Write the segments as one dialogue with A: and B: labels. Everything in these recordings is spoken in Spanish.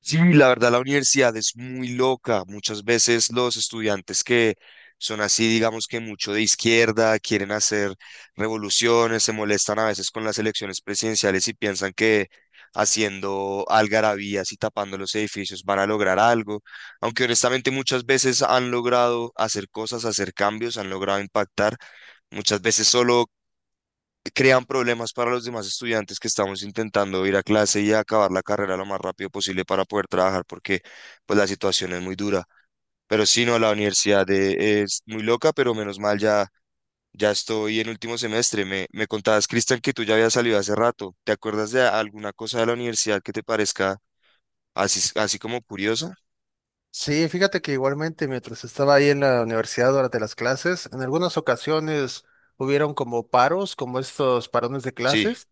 A: Sí, la verdad la universidad es muy loca. Muchas veces los estudiantes que son así, digamos que mucho de izquierda, quieren hacer revoluciones, se molestan a veces con las elecciones presidenciales y piensan que haciendo algarabías y tapando los edificios van a lograr algo. Aunque honestamente muchas veces han logrado hacer cosas, hacer cambios, han logrado impactar. Muchas veces solo crean problemas para los demás estudiantes que estamos intentando ir a clase y acabar la carrera lo más rápido posible para poder trabajar, porque pues la situación es muy dura. Pero sí, no, la universidad es muy loca, pero menos mal ya, ya estoy en último semestre. Me contabas, Cristian, que tú ya habías salido hace rato. ¿Te acuerdas de alguna cosa de la universidad que te parezca así, así como curiosa?
B: Sí, fíjate que igualmente mientras estaba ahí en la universidad durante las clases, en algunas ocasiones hubieron como paros, como estos parones de
A: Sí,
B: clases,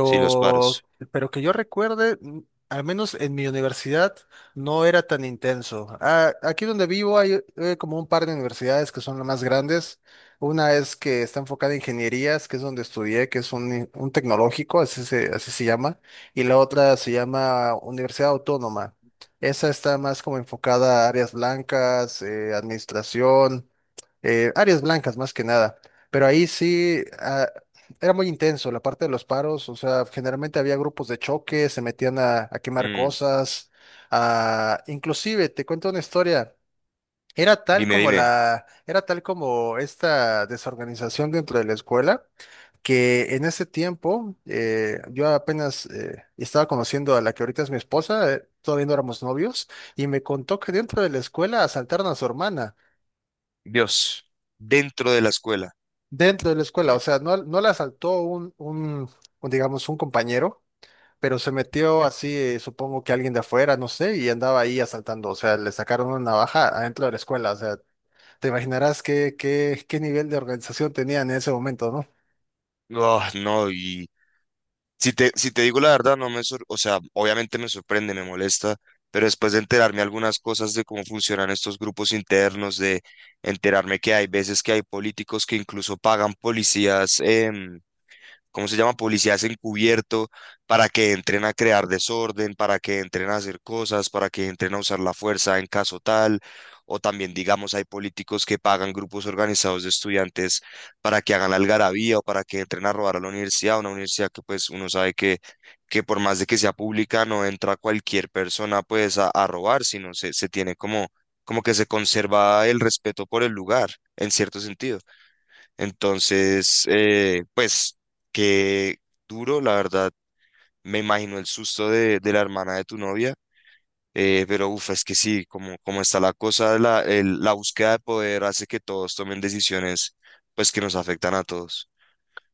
A: sí, los paros.
B: pero que yo recuerde, al menos en mi universidad, no era tan intenso. Ah, aquí donde vivo hay como un par de universidades que son las más grandes. Una es que está enfocada en ingenierías, que es donde estudié, que es un tecnológico, así se llama, y la otra se llama Universidad Autónoma. Esa está más como enfocada a áreas blancas, administración, áreas blancas más que nada. Pero ahí sí, era muy intenso la parte de los paros, o sea, generalmente había grupos de choque, se metían a quemar
A: Mm,
B: cosas, inclusive, te cuento una historia, era tal
A: dime, dime.
B: era tal como esta desorganización dentro de la escuela, que en ese tiempo yo apenas estaba conociendo a la que ahorita es mi esposa, todavía no éramos novios, y me contó que dentro de la escuela asaltaron a su hermana,
A: Dios, dentro de la escuela.
B: dentro de la escuela,
A: Mm.
B: o sea, no la asaltó un, digamos, un compañero, pero se metió así, supongo que alguien de afuera, no sé, y andaba ahí asaltando, o sea, le sacaron una navaja adentro de la escuela, o sea, te imaginarás qué nivel de organización tenía en ese momento, ¿no?
A: Oh, no, y... Si te digo la verdad, no me sor- o sea, obviamente me sorprende, me molesta, pero después de enterarme algunas cosas de cómo funcionan estos grupos internos, de enterarme que hay veces que hay políticos que incluso pagan policías, ¿cómo se llama? Policías encubierto para que entren a crear desorden, para que entren a hacer cosas, para que entren a usar la fuerza en caso tal. O también, digamos, hay políticos que pagan grupos organizados de estudiantes para que hagan algarabía o para que entren a robar a la universidad, una universidad que pues uno sabe que, por más de que sea pública no entra cualquier persona pues a, robar, sino se, tiene como que se conserva el respeto por el lugar, en cierto sentido. Entonces, pues, qué duro, la verdad, me imagino el susto de la hermana de tu novia, pero uff, es que sí, como, como está la cosa, la búsqueda de poder hace que todos tomen decisiones, pues, que nos afectan a todos.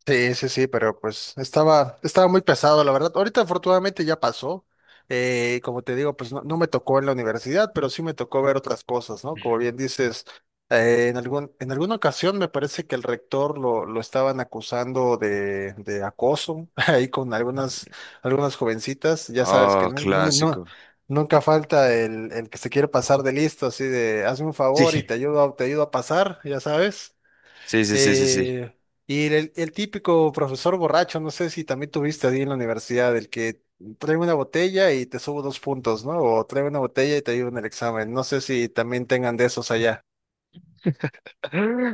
B: Sí, sí, sí, pero pues estaba muy pesado, la verdad. Ahorita afortunadamente ya pasó. Como te digo, pues no me tocó en la universidad, pero sí me tocó ver otras cosas, ¿no? Como bien dices, en en alguna ocasión me parece que el rector lo estaban acusando de acoso ahí con algunas jovencitas. Ya sabes que
A: Ah,
B: no, no,
A: clásico.
B: no, nunca falta el que se quiere pasar de listo, así de hazme un favor y
A: Sí,
B: te ayudo, te ayudo a pasar, ya sabes.
A: sí, sí, sí, sí, sí.
B: Eh, y el típico profesor borracho, no sé si también tuviste ahí en la universidad, el que trae una botella y te subo dos puntos, ¿no? O trae una botella y te ayuda en el examen. No sé si también tengan de esos allá.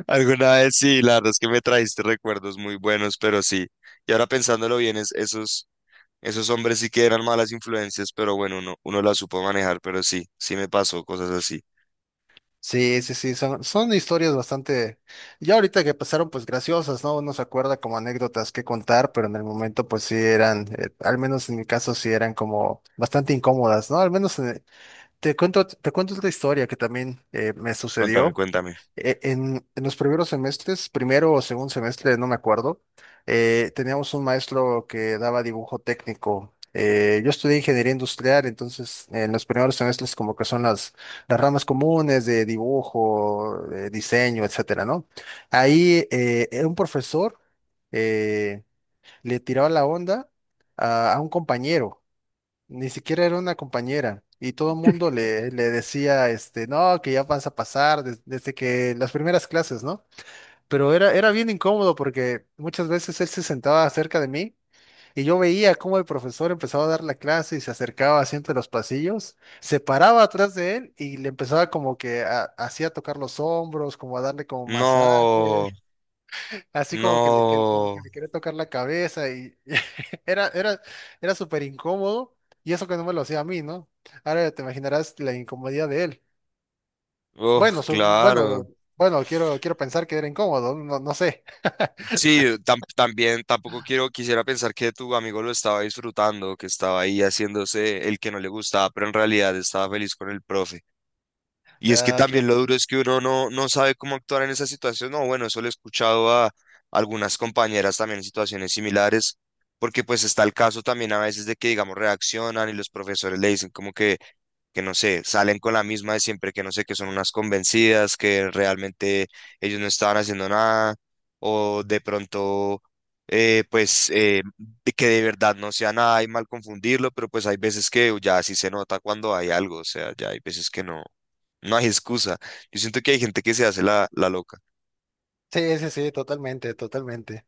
A: Alguna vez sí, la verdad es que me trajiste recuerdos muy buenos, pero sí. Y ahora pensándolo bien, es, esos... Esos hombres sí que eran malas influencias, pero bueno, uno las supo manejar, pero sí, sí me pasó cosas así.
B: Sí, sí, sí, son historias bastante, ya ahorita que pasaron pues graciosas, ¿no? Uno se acuerda como anécdotas que contar, pero en el momento pues sí eran, al menos en mi caso sí eran como bastante incómodas, ¿no? Al menos te cuento otra historia que también me
A: Cuéntame,
B: sucedió.
A: cuéntame.
B: En los primeros semestres, primero o segundo semestre, no me acuerdo, teníamos un maestro que daba dibujo técnico. Yo estudié ingeniería industrial, entonces en los primeros semestres como que son las ramas comunes de dibujo, de diseño, etcétera, ¿no? Ahí un profesor eh, le tiró la onda a un compañero. Ni siquiera era una compañera y todo el mundo le decía, este, no, que ya vas a pasar desde que las primeras clases, ¿no? Pero era bien incómodo porque muchas veces él se sentaba cerca de mí y yo veía cómo el profesor empezaba a dar la clase y se acercaba así entre los pasillos, se paraba atrás de él y le empezaba como que así a tocar los hombros, como a darle como
A: No,
B: masaje. Así como que como que
A: no.
B: le quiere tocar la cabeza y era, era, era súper incómodo y eso que no me lo hacía a mí, ¿no? Ahora te imaginarás la incomodidad de él. Bueno,
A: Oh, claro.
B: quiero pensar que era incómodo, no sé.
A: Sí, también tampoco quisiera pensar que tu amigo lo estaba disfrutando, que estaba ahí haciéndose el que no le gustaba, pero en realidad estaba feliz con el profe. Y es que
B: Ah,
A: también
B: quién-
A: lo duro es que uno no sabe cómo actuar en esa situación. No, bueno, eso lo he escuchado a algunas compañeras también en situaciones similares, porque pues está el caso también a veces de que, digamos, reaccionan y los profesores le dicen como que no sé, salen con la misma de siempre, que no sé, que son unas convencidas, que realmente ellos no estaban haciendo nada, o de pronto, pues, de que de verdad no sea nada y mal confundirlo, pero pues hay veces que ya sí se nota cuando hay algo, o sea, ya hay veces que no, no hay excusa. Yo siento que hay gente que se hace la loca.
B: Sí, sí, sí, totalmente, totalmente.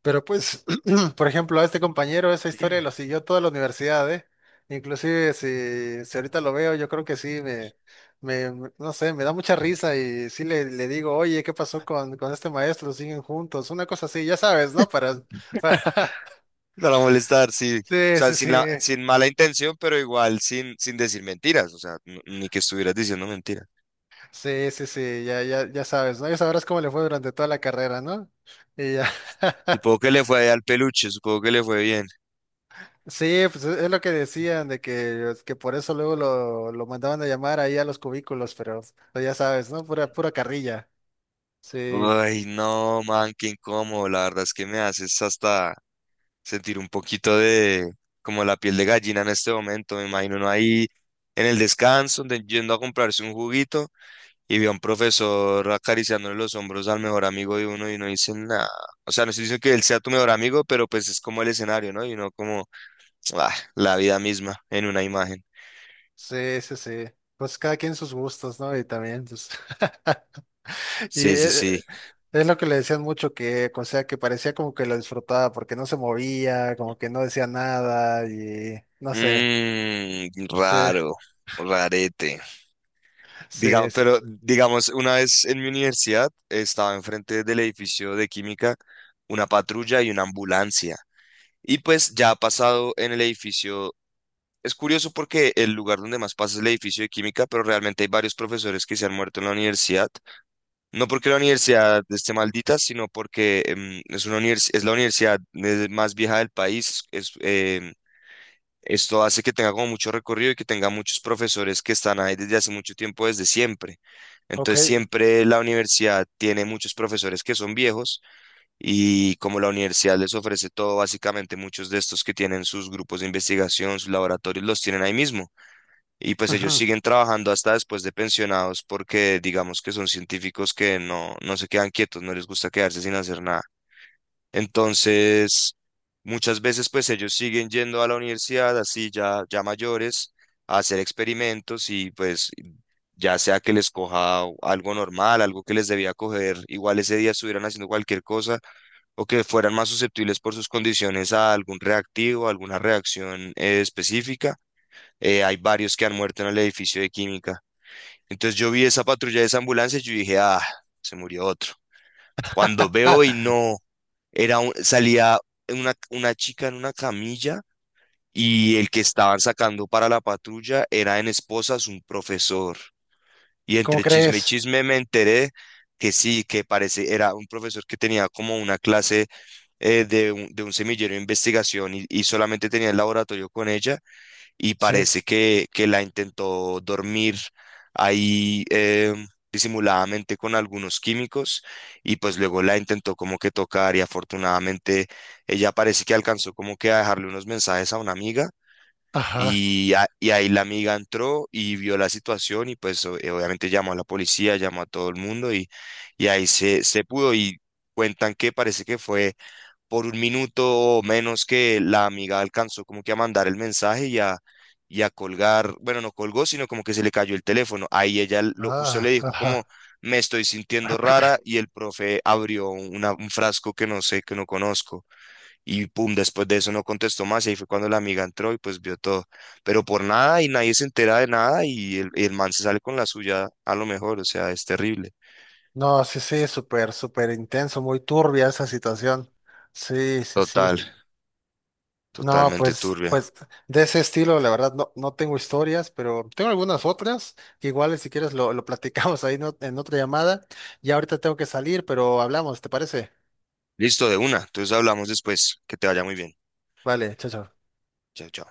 B: Pero pues, por ejemplo, a este compañero esa historia lo siguió toda la universidad, ¿eh? Inclusive si ahorita lo veo, yo creo que sí, no sé, me da mucha risa y sí le digo, oye, ¿qué pasó con este maestro? ¿Siguen juntos? Una cosa así, ya sabes, ¿no? Para...
A: Para molestar, sí. O
B: Sí,
A: sea,
B: sí, sí,
A: sin mala intención, pero igual sin decir mentiras, o sea, ni que estuvieras diciendo mentiras.
B: sí, sí, sí, ya, ya, ya sabes, ¿no? Ya sabrás cómo le fue durante toda la carrera, ¿no? Y ya.
A: Supongo que le fue al peluche, supongo que le fue bien.
B: Sí, pues es lo que decían, de que por eso luego lo mandaban a llamar ahí a los cubículos, pero pues, ya sabes, ¿no? Pura carrilla. Sí,
A: Ay, no, man, qué incómodo. La verdad es que me haces hasta sentir un poquito de como la piel de gallina en este momento. Me imagino uno ahí en el descanso, yendo a comprarse un juguito y ve a un profesor acariciándole los hombros al mejor amigo de uno y no dice nada. O sea, no estoy diciendo que él sea tu mejor amigo, pero pues es como el escenario, ¿no? Y uno como... ah, la vida misma en una imagen.
B: sí, sí, sí. Pues cada quien sus gustos, ¿no? Y también, pues. Y
A: Sí, sí, sí.
B: es, lo que le decían mucho que, o sea, que parecía como que lo disfrutaba porque no se movía, como que no decía nada y no sé.
A: Mmm,
B: Sí,
A: raro, rarete.
B: sí, sí.
A: Pero digamos, una vez en mi universidad estaba enfrente del edificio de química una patrulla y una ambulancia. Y pues ya ha pasado en el edificio. Es curioso porque el lugar donde más pasa es el edificio de química, pero realmente hay varios profesores que se han muerto en la universidad. No porque la universidad esté maldita, sino porque es una es la universidad más vieja del país. Esto hace que tenga como mucho recorrido y que tenga muchos profesores que están ahí desde hace mucho tiempo, desde siempre.
B: Ok.
A: Entonces siempre la universidad tiene muchos profesores que son viejos y como la universidad les ofrece todo, básicamente muchos de estos que tienen sus grupos de investigación, sus laboratorios, los tienen ahí mismo. Y pues ellos
B: Ujú.
A: siguen trabajando hasta después de pensionados porque digamos que son científicos que no, se quedan quietos, no les gusta quedarse sin hacer nada. Entonces, muchas veces pues ellos siguen yendo a la universidad así ya, ya mayores a hacer experimentos y pues ya sea que les coja algo normal, algo que les debía coger, igual ese día estuvieran haciendo cualquier cosa o que fueran más susceptibles por sus condiciones a algún reactivo, a alguna reacción específica. Hay varios que han muerto en el edificio de química. Entonces yo vi esa patrulla de esa ambulancia y yo dije, ah, se murió otro. Cuando veo y
B: Ah,
A: no, salía una, chica en una camilla y el que estaban sacando para la patrulla era en esposas un profesor. Y
B: ¿cómo
A: entre chisme y
B: crees?
A: chisme me enteré que sí, que parece, era un profesor que tenía como una clase de un, semillero de investigación y solamente tenía el laboratorio con ella y
B: Sí.
A: parece que la intentó dormir ahí disimuladamente con algunos químicos y pues luego la intentó como que tocar y afortunadamente ella parece que alcanzó como que a dejarle unos mensajes a una amiga.
B: Ajá.
A: Y ahí la amiga entró y vio la situación y pues obviamente llamó a la policía, llamó a todo el mundo y ahí se, pudo y cuentan que parece que fue por un minuto o menos que la amiga alcanzó como que a mandar el mensaje y a colgar, bueno, no colgó, sino como que se le cayó el teléfono. Ahí ella lo, justo le
B: Ah,
A: dijo como,
B: ajá.
A: me estoy sintiendo rara y el profe abrió un frasco que no sé, que no conozco. Y pum, después de eso no contestó más y ahí fue cuando la amiga entró y pues vio todo. Pero por nada y nadie se entera de nada y el, man se sale con la suya a lo mejor, o sea, es terrible.
B: No, sí, sí, súper, súper intenso, muy turbia esa situación. Sí, sí, sí.
A: Total,
B: No,
A: totalmente
B: pues,
A: turbia.
B: pues de ese estilo, la verdad, no, no tengo historias, pero tengo algunas otras, que igual si quieres lo platicamos ahí en otra llamada. Ya ahorita tengo que salir, pero hablamos, ¿te parece?
A: Listo, de una. Entonces hablamos después. Que te vaya muy bien.
B: Vale, chao, chao.
A: Chao, chao.